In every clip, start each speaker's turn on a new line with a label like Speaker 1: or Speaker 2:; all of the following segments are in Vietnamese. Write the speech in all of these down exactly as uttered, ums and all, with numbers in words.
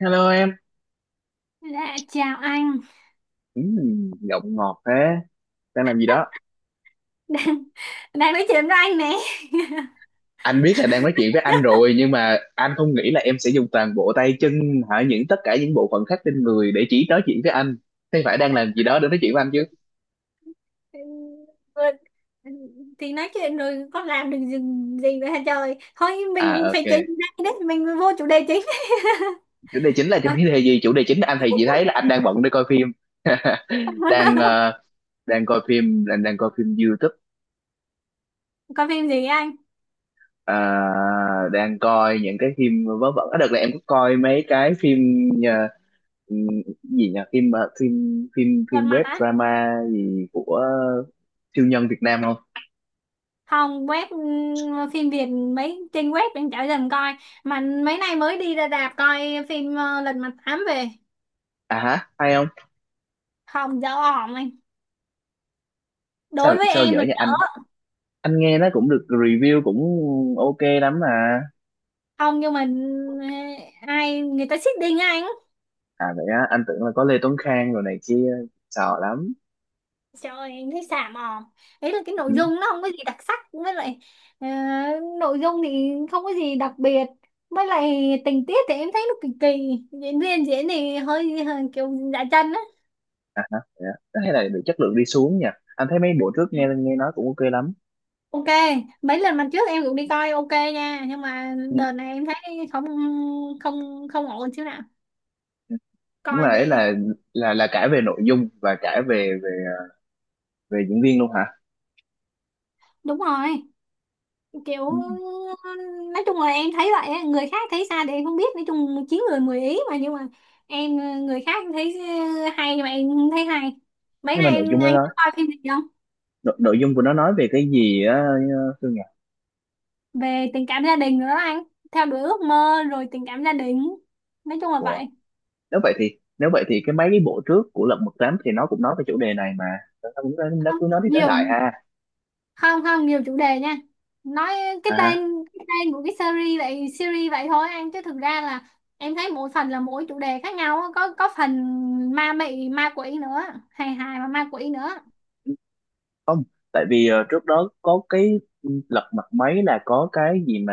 Speaker 1: Hello em,
Speaker 2: Dạ, chào anh.
Speaker 1: ừ, giọng ngọt thế, đang làm gì đó?
Speaker 2: Đang đang nói chuyện với anh nè.
Speaker 1: Anh biết là đang nói chuyện với anh rồi nhưng mà anh không nghĩ là em sẽ dùng toàn bộ tay chân hả những tất cả những bộ phận khác trên người để chỉ nói chuyện với anh. Thế phải đang làm gì đó để nói chuyện với anh chứ?
Speaker 2: Vừa- thì nói chuyện rồi có làm được gì, gì nữa hả trời. Thôi mình
Speaker 1: À
Speaker 2: phải chuyển
Speaker 1: ok,
Speaker 2: chủ đề đấy, mình vô chủ đề chính.
Speaker 1: chủ đề chính là chủ
Speaker 2: Vậy.
Speaker 1: đề gì? Chủ đề chính là anh thì chỉ thấy là anh đang bận để coi phim. đang ờ, đang coi phim, đang đang coi phim YouTube.
Speaker 2: Có phim gì anh?
Speaker 1: ờ, Đang coi những cái phim vớ vẩn. Ở đợt này em có coi mấy cái phim ờ, ừ, gì nhỉ, phim ờ, phim phim
Speaker 2: Lật
Speaker 1: phim
Speaker 2: Mặt
Speaker 1: web
Speaker 2: á.
Speaker 1: drama gì của siêu nhân Việt Nam không?
Speaker 2: Không, web ừm, phim Việt mấy trên web mình chả dần coi mà. Mấy nay mới đi ra rạp coi phim ờ, Lật Mặt Tám về.
Speaker 1: À hả, hay không?
Speaker 2: Không, dở ỏm anh, đối
Speaker 1: sao
Speaker 2: với
Speaker 1: sao
Speaker 2: em
Speaker 1: dở
Speaker 2: là
Speaker 1: nhà
Speaker 2: dở.
Speaker 1: anh? Anh nghe nó cũng được review cũng ok lắm mà.
Speaker 2: Không nhưng mà ừ, ai người ta xích đinh á anh.
Speaker 1: À vậy á, anh tưởng là có Lê Tuấn Khang rồi này kia, sợ lắm.
Speaker 2: Trời ơi, em thấy xàm òm. Đấy là cái
Speaker 1: Ừ.
Speaker 2: nội dung nó không có gì đặc sắc, với lại ờ, nội dung thì không có gì đặc biệt. Với lại tình tiết thì em thấy nó kỳ kỳ, diễn viên diễn thì hơi, hơi kiểu dạ chân á.
Speaker 1: À hả vậy á. Thế hay là bị chất lượng đi xuống nhỉ? Anh thấy mấy bộ trước
Speaker 2: Ừ.
Speaker 1: nghe nghe nói cũng ok lắm.
Speaker 2: Ok, mấy lần lần trước em cũng đi coi ok nha, nhưng mà
Speaker 1: Ừ.
Speaker 2: đợt này em thấy không không không ổn xíu nào.
Speaker 1: Ừ. Nhưng
Speaker 2: Coi
Speaker 1: mà ấy
Speaker 2: về.
Speaker 1: là là là cả về nội dung và cả về về về diễn viên luôn hả?
Speaker 2: Đúng rồi, kiểu
Speaker 1: Ừ.
Speaker 2: nói chung là em thấy vậy á, người khác thấy sao thì em không biết, nói chung chín người mười ý mà, nhưng mà em người khác thấy hay nhưng mà em không thấy hay. Mấy
Speaker 1: Nhưng mà
Speaker 2: nay
Speaker 1: nội
Speaker 2: em,
Speaker 1: dung
Speaker 2: anh
Speaker 1: đó,
Speaker 2: có coi phim gì không?
Speaker 1: nội, nội dung của nó nói về cái gì á? Thương nhỉ.
Speaker 2: Về tình cảm gia đình nữa đó anh, theo đuổi ước mơ rồi tình cảm gia đình, nói chung là
Speaker 1: Của.
Speaker 2: vậy.
Speaker 1: Nếu vậy thì nếu vậy thì cái mấy cái bộ trước của Lật Mặt Tám thì nó cũng nói về chủ đề này mà. Nó cũng nói- nó
Speaker 2: không
Speaker 1: cứ nói đi nói
Speaker 2: nhiều
Speaker 1: lại ha.
Speaker 2: không không nhiều chủ đề nha. Nói cái tên
Speaker 1: À.
Speaker 2: cái tên của cái series vậy, series vậy thôi anh chứ thực ra là em thấy mỗi phần là mỗi chủ đề khác nhau á. có có phần ma mị ma quỷ nữa, hài hài và ma quỷ nữa.
Speaker 1: Tại vì ờ, trước đó có cái Lật Mặt mấy là có cái gì mà,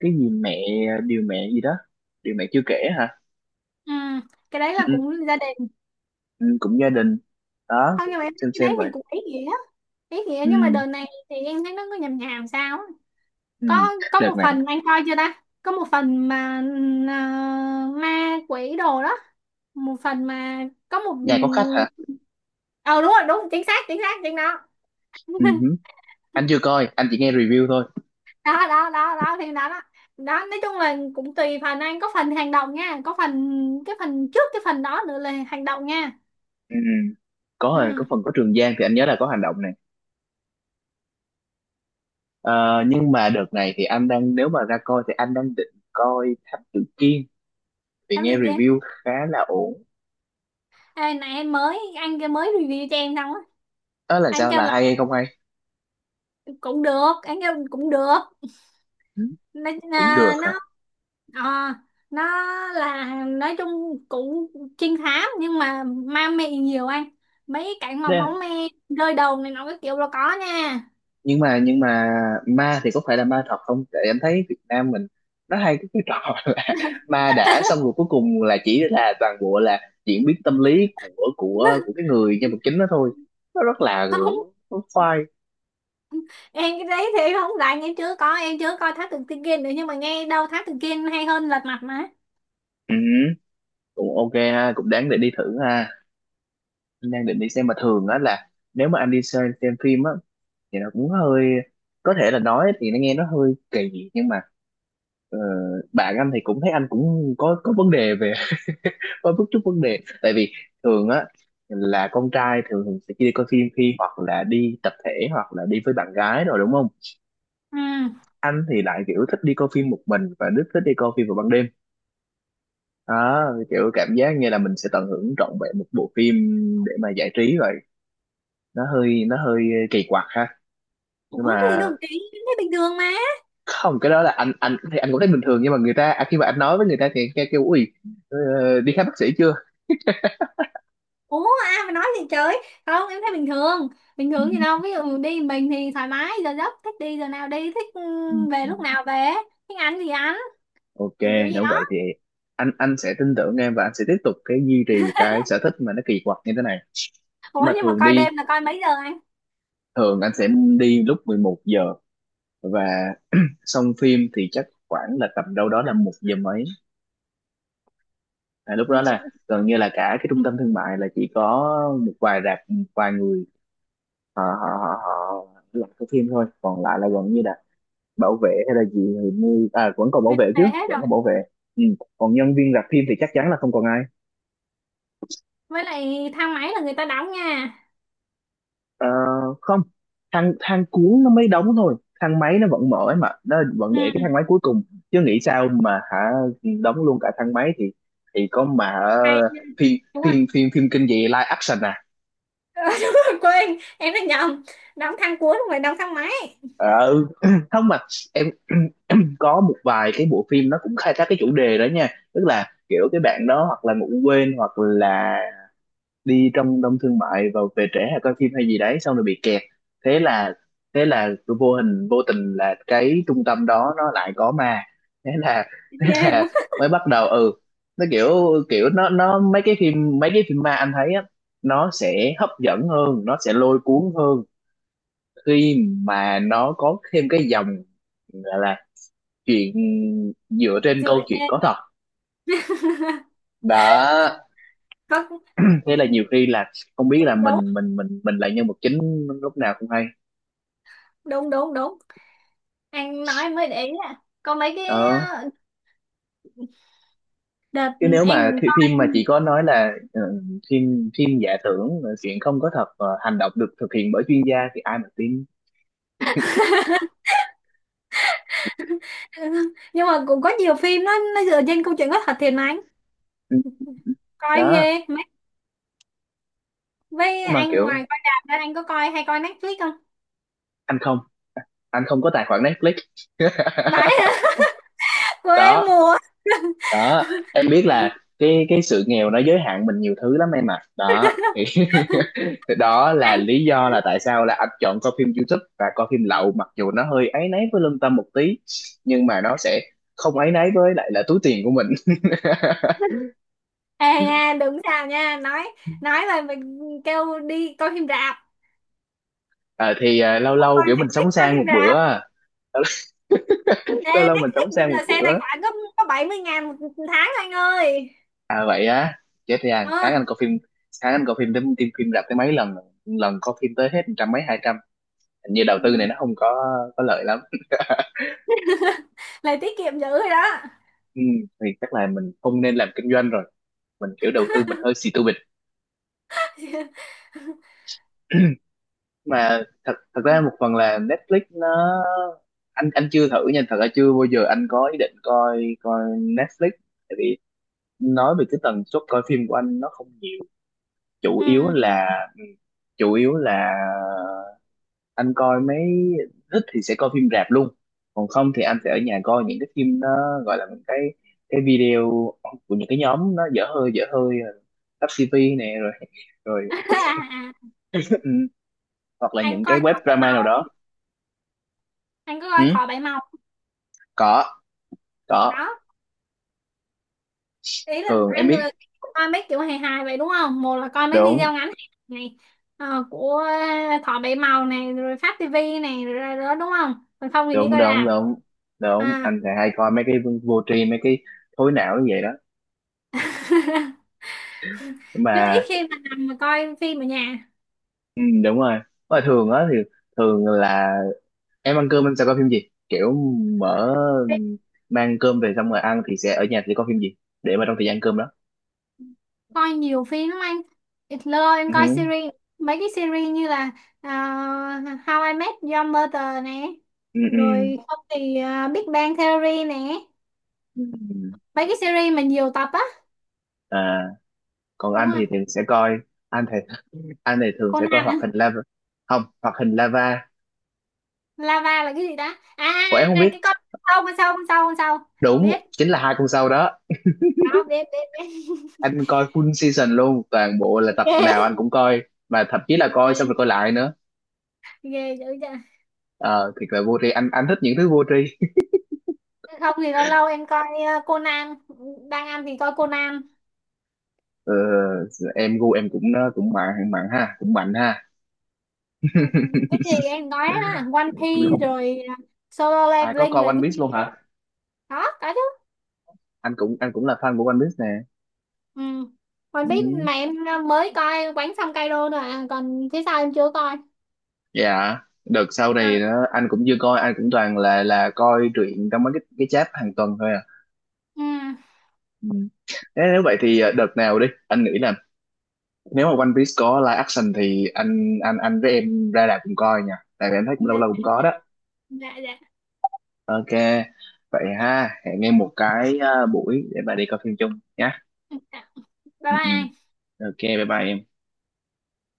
Speaker 1: cái gì mẹ, điều mẹ gì đó, điều mẹ chưa kể hả?
Speaker 2: Ừ, cái đấy
Speaker 1: Ừ,
Speaker 2: là
Speaker 1: ừ,
Speaker 2: cũng gia đình.
Speaker 1: ừ, cũng gia đình. Đó
Speaker 2: Không
Speaker 1: cũng,
Speaker 2: nhưng mà
Speaker 1: cũng
Speaker 2: em thấy
Speaker 1: xem
Speaker 2: cái
Speaker 1: xem
Speaker 2: đấy
Speaker 1: vậy.
Speaker 2: thì cũng ý nghĩa, ý nghĩa
Speaker 1: Ừ,
Speaker 2: nhưng mà đợt này thì em thấy nó cứ nhàm nhàm sao á.
Speaker 1: ừ.
Speaker 2: có có một
Speaker 1: Đợt này.
Speaker 2: phần anh coi chưa ta, có một phần mà ừm, à, ma quỷ đồ đó, một phần mà có một
Speaker 1: Nhà có khách
Speaker 2: người.
Speaker 1: hả?
Speaker 2: Ờ đúng rồi, đúng, chính xác chính xác chính đó.
Speaker 1: Ừ hứ. Anh chưa coi, anh chỉ nghe review thôi.
Speaker 2: Đó đó đó đó thì đó đó đó, nói chung là cũng tùy phần anh, có phần hành động nha, có phần, cái phần trước cái phần đó nữa là hành động nha.
Speaker 1: Ừ. Ừ. có có
Speaker 2: Ừ.
Speaker 1: phần có Trường Giang thì anh nhớ là có hành động này. Ờ, nhưng mà đợt này thì anh đang, nếu mà ra coi thì anh đang định coi Thám Tử Kiên vì
Speaker 2: Thám tử
Speaker 1: nghe
Speaker 2: Kiên.
Speaker 1: review khá là ổn.
Speaker 2: Ê, này em mới anh kia mới review cho em xong á.
Speaker 1: Đó là
Speaker 2: Anh
Speaker 1: sao,
Speaker 2: kêu
Speaker 1: là
Speaker 2: là
Speaker 1: hay hay không hay?
Speaker 2: cũng được, anh kêu cũng được.
Speaker 1: Ừ,
Speaker 2: nó
Speaker 1: cũng được
Speaker 2: à, nó
Speaker 1: hả?
Speaker 2: ờ, nó là nói chung cũng trinh thám nhưng mà ma mị nhiều anh, mấy cảnh mà máu
Speaker 1: Nè.
Speaker 2: me rơi đầu này nó cái kiểu là có nha.
Speaker 1: Nhưng mà nhưng mà ma thì có phải là ma thật không? Tại em thấy Việt Nam mình nó hay cái cái trò là ma đã xong rồi, cuối cùng là chỉ là toàn bộ là diễn biến tâm lý của của của cái người nhân vật chính đó thôi. Nó rất là
Speaker 2: Không,
Speaker 1: Nó khoai.
Speaker 2: em cái đấy thì em không rảnh, em chưa có em chưa coi Thám Tử Kiên nữa nhưng mà nghe đâu Thám Tử Kiên hay hơn Lật Mặt mà.
Speaker 1: Ừ, cũng ok ha, cũng đáng để đi thử ha. Anh đang định đi xem, mà thường á là nếu mà anh đi xem, xem phim á thì nó cũng hơi, có thể là nói thì nó nghe nó hơi kỳ nhưng mà ờ, bạn anh thì cũng thấy anh cũng có có vấn đề về. Có chút chút vấn đề, tại vì thường á là con trai thường thường sẽ đi coi phim khi hoặc là đi tập thể hoặc là đi với bạn gái rồi, đúng không?
Speaker 2: Ừ.
Speaker 1: Anh thì lại kiểu thích đi coi phim một mình và rất thích đi coi phim vào ban đêm. Đó, kiểu cảm giác như là mình sẽ tận hưởng trọn vẹn một bộ phim để mà giải trí vậy. Nó hơi nó hơi kỳ quặc ha. Nhưng
Speaker 2: Ủa cái gì
Speaker 1: mà
Speaker 2: đâu chị, em thấy bình thường mà.
Speaker 1: không, cái đó là anh anh thì anh cũng thấy bình thường, nhưng mà người ta à, khi mà anh nói với người ta thì người ta kêu ui, ờ, đi khám bác sĩ chưa?
Speaker 2: Ủa ai mà nói gì trời, không em thấy bình thường, bình thường gì đâu, ví dụ đi mình thì thoải mái giờ giấc, thích đi giờ nào đi, thích ừ, về lúc nào về, thích ăn gì ăn
Speaker 1: Ok.
Speaker 2: kiểu kiểu gì
Speaker 1: Nếu
Speaker 2: đó.
Speaker 1: vậy thì anh anh sẽ tin tưởng em và anh sẽ tiếp tục cái duy trì cái sở thích mà nó kỳ quặc như thế này. Nhưng
Speaker 2: Ủa
Speaker 1: mà
Speaker 2: nhưng mà
Speaker 1: thường
Speaker 2: coi
Speaker 1: đi
Speaker 2: đêm là coi mấy giờ anh?
Speaker 1: thường anh sẽ đi lúc mười một giờ, và xong phim thì chắc khoảng là tầm đâu đó là một giờ mấy. À, lúc đó là
Speaker 2: Một.
Speaker 1: gần như là cả cái trung tâm thương mại là chỉ có một vài rạp, một vài người họ họ họ, họ làm cái phim thôi, còn lại là gần như là bảo vệ hay là gì thì mua, à vẫn còn bảo
Speaker 2: về
Speaker 1: vệ chứ,
Speaker 2: về hết
Speaker 1: vẫn
Speaker 2: rồi.
Speaker 1: còn bảo vệ. Ừ. Còn nhân viên rạp phim thì chắc chắn là không còn ai.
Speaker 2: Với lại thang máy là người ta đóng nha.
Speaker 1: Ờ, không, thang thang cuốn nó mới đóng thôi, thang máy nó vẫn mở ấy mà, nó vẫn để cái
Speaker 2: Ừ.
Speaker 1: thang máy cuối cùng, chứ nghĩ sao mà hả, đóng luôn cả thang máy thì thì có mà
Speaker 2: Hay.
Speaker 1: ờ, phim
Speaker 2: Đúng rồi.
Speaker 1: phim phim phim kinh dị live action à?
Speaker 2: Đúng rồi, quên, em đã nhầm, đóng thang cuốn không phải đóng thang máy.
Speaker 1: Ờ ừ. Không mà em có một vài cái bộ phim nó cũng khai thác cái chủ đề đó nha. Tức là kiểu cái bạn đó hoặc là ngủ quên hoặc là đi trong đông thương mại và về trễ hay coi phim hay gì đấy, xong rồi bị kẹt. Thế là thế là vô hình vô tình là cái trung tâm đó nó lại có ma. Thế là thế
Speaker 2: Ghê quá.
Speaker 1: là mới bắt đầu, ừ. Nó kiểu, kiểu nó nó mấy cái phim mấy cái phim ma anh thấy á, nó sẽ hấp dẫn hơn, nó sẽ lôi cuốn hơn khi mà nó có thêm cái dòng gọi là chuyện dựa trên
Speaker 2: Dựa
Speaker 1: câu chuyện
Speaker 2: trên.
Speaker 1: có thật. Đó,
Speaker 2: Có.
Speaker 1: thế là
Speaker 2: Đúng.
Speaker 1: nhiều khi là không biết là
Speaker 2: Đúng
Speaker 1: mình mình mình mình là nhân vật chính lúc nào cũng hay.
Speaker 2: đúng đúng, đúng anh nói mới để ý. À có mấy cái
Speaker 1: Ờ,
Speaker 2: ờ, đợt
Speaker 1: Chứ nếu
Speaker 2: em
Speaker 1: mà thi-
Speaker 2: coi.
Speaker 1: phim mà chỉ có nói là ờ, phim phim giả tưởng, ờ, chuyện không có thật, ờ, hành động được thực hiện bởi chuyên gia thì ai mà tin.
Speaker 2: Nhưng mà cũng có nhiều phim nó nó dựa trên câu chuyện có thật thiệt mà anh,
Speaker 1: Ừ,
Speaker 2: coi
Speaker 1: đó.
Speaker 2: ghê mấy. Với
Speaker 1: Mà
Speaker 2: anh ngoài
Speaker 1: kiểu
Speaker 2: coi rạp ra anh có coi hay coi Netflix không?
Speaker 1: anh không anh không có tài khoản Netflix.
Speaker 2: Vãi. Hả? Quê
Speaker 1: Đó,
Speaker 2: mùa.
Speaker 1: đó. Em biết là cái cái sự nghèo nó giới hạn mình nhiều thứ lắm em ạ, đó thì thì đó là
Speaker 2: Anh.
Speaker 1: lý do là tại sao là anh chọn coi phim YouTube và coi phim lậu, mặc dù nó hơi áy náy với lương tâm một tí, nhưng mà nó sẽ không áy náy với lại là túi tiền của mình.
Speaker 2: Ê nha đúng sao nha, nói nói là mình kêu đi coi phim rạp.
Speaker 1: Ờ, thì à, lâu
Speaker 2: Không
Speaker 1: lâu
Speaker 2: coi
Speaker 1: kiểu mình
Speaker 2: Netflix
Speaker 1: sống
Speaker 2: coi
Speaker 1: sang một
Speaker 2: phim
Speaker 1: bữa
Speaker 2: rạp.
Speaker 1: à. Lâu
Speaker 2: Ê
Speaker 1: lâu, lâu mình
Speaker 2: Netflix
Speaker 1: sống
Speaker 2: bây
Speaker 1: sang một
Speaker 2: giờ xe
Speaker 1: bữa.
Speaker 2: tài khoản có có bảy mươi ngàn một tháng anh ơi.
Speaker 1: À vậy á, chết, thì hàng
Speaker 2: Ờ.
Speaker 1: tháng anh coi phim, tháng anh coi phim đến phim phim rạp tới mấy lần rồi? Lần coi phim tới hết trăm mấy, hai trăm, hình như đầu
Speaker 2: Ừ.
Speaker 1: tư này nó không có có lợi lắm.
Speaker 2: Lại tiết kiệm dữ rồi đó.
Speaker 1: Ừ, thì chắc là mình không nên làm kinh doanh rồi, mình kiểu đầu tư mình hơi xì bịch. Mà thật thật ra một phần là Netflix nó, anh anh chưa thử nha, thật ra chưa bao giờ anh có ý định coi coi Netflix, tại vì nói về cái tần suất coi phim của anh nó không nhiều. chủ yếu
Speaker 2: Ừ.
Speaker 1: là chủ yếu là anh coi mấy, thích thì sẽ coi phim rạp luôn, còn không thì anh sẽ ở nhà coi những cái phim nó gọi là những cái cái video của những cái nhóm nó dở hơi dở hơi, Tắp ti vi nè, rồi rồi.
Speaker 2: À, à.
Speaker 1: Ừ, hoặc là
Speaker 2: Anh
Speaker 1: những cái
Speaker 2: coi
Speaker 1: web
Speaker 2: Thỏ Bảy
Speaker 1: drama nào
Speaker 2: Màu,
Speaker 1: đó.
Speaker 2: anh có
Speaker 1: Ừ,
Speaker 2: coi Thỏ Bảy Màu.
Speaker 1: có, có.
Speaker 2: Đó. Ý là
Speaker 1: Thường em
Speaker 2: anh
Speaker 1: biết.
Speaker 2: là coi mấy kiểu hài hài vậy đúng không? Một là coi mấy
Speaker 1: Đúng,
Speaker 2: video ngắn này ờ, của Thỏ Bảy Màu này rồi Phát ti vi này rồi rồi đó đúng không? Còn không thì đi
Speaker 1: đúng,
Speaker 2: coi
Speaker 1: đúng,
Speaker 2: rạp.
Speaker 1: đúng, đúng,
Speaker 2: À.
Speaker 1: anh sẽ hay coi mấy cái vô tri, mấy cái thối não như vậy đó.
Speaker 2: Nhưng ít
Speaker 1: Mà
Speaker 2: khi mà nằm mà coi phim ở nhà.
Speaker 1: ừ, đúng rồi, mà thường á thì thường là em ăn cơm em sẽ coi phim gì, kiểu mở mang cơm về xong rồi ăn thì sẽ ở nhà thì coi phim gì, để mà trong thời gian cơm đó.
Speaker 2: Coi nhiều phim lắm anh, lâu em coi
Speaker 1: Ừ,
Speaker 2: series, mấy cái series như là à, How I Met Your Mother nè,
Speaker 1: ừ, ừ.
Speaker 2: rồi không thì à, Big Bang Theory nè,
Speaker 1: Ừ.
Speaker 2: mấy cái series mà nhiều tập á.
Speaker 1: À, còn
Speaker 2: Đúng
Speaker 1: anh
Speaker 2: rồi.
Speaker 1: thì thường sẽ coi anh thì anh thì thường sẽ coi
Speaker 2: Conan
Speaker 1: hoạt
Speaker 2: hả?
Speaker 1: hình lava. Không, hoạt hình lava
Speaker 2: Lava là cái gì đó à à,
Speaker 1: của em không
Speaker 2: à,
Speaker 1: biết.
Speaker 2: cái con sâu con sâu con sâu con sâu.
Speaker 1: Đúng,
Speaker 2: Biết
Speaker 1: chính là hai con sau đó.
Speaker 2: đó, biết biết
Speaker 1: Anh coi full season luôn, toàn bộ là
Speaker 2: biết.
Speaker 1: tập
Speaker 2: Ghê
Speaker 1: nào anh cũng coi, mà thậm chí là coi
Speaker 2: ghê
Speaker 1: xong rồi coi lại nữa.
Speaker 2: ghê dữ chưa.
Speaker 1: Ờ, thiệt là vô tri, anh anh thích những thứ vô tri.
Speaker 2: Không thì lâu lâu em coi à, Conan, đang ăn thì coi Conan.
Speaker 1: Ờ, em gu em cũng cũng mạnh mạnh ha, cũng mạnh ha.
Speaker 2: Cái gì em nói đó One Piece rồi à, Solo
Speaker 1: À, có
Speaker 2: Leveling
Speaker 1: coi
Speaker 2: rồi
Speaker 1: One
Speaker 2: cái
Speaker 1: Piece luôn
Speaker 2: gì.
Speaker 1: hả?
Speaker 2: Đó có chứ.
Speaker 1: Anh cũng anh cũng là fan của One Piece nè.
Speaker 2: Ừ. One Piece
Speaker 1: Ừ.
Speaker 2: mà em à, mới coi Quánh xong Kaido rồi à. Còn phía sau em chưa coi.
Speaker 1: Dạ, đợt sau này
Speaker 2: À.
Speaker 1: đó, anh cũng chưa coi, anh cũng toàn là là coi truyện trong mấy cái cái chat hàng tuần thôi à.
Speaker 2: Ừ.
Speaker 1: Ừ. Thế nếu vậy thì ờ, đợt nào đi anh nghĩ là, nếu mà One Piece có live action thì anh anh anh với em ra rạp cùng coi nha, tại vì em thấy cũng lâu
Speaker 2: Dạ
Speaker 1: lâu cũng có đó.
Speaker 2: dạ dạ.
Speaker 1: Ok vậy ha, hẹn em một cái ờ, buổi để bà đi coi phim chung nhé.
Speaker 2: Dạ. Bye
Speaker 1: Ừ, ừ.
Speaker 2: bye.
Speaker 1: Ok, bye bye em.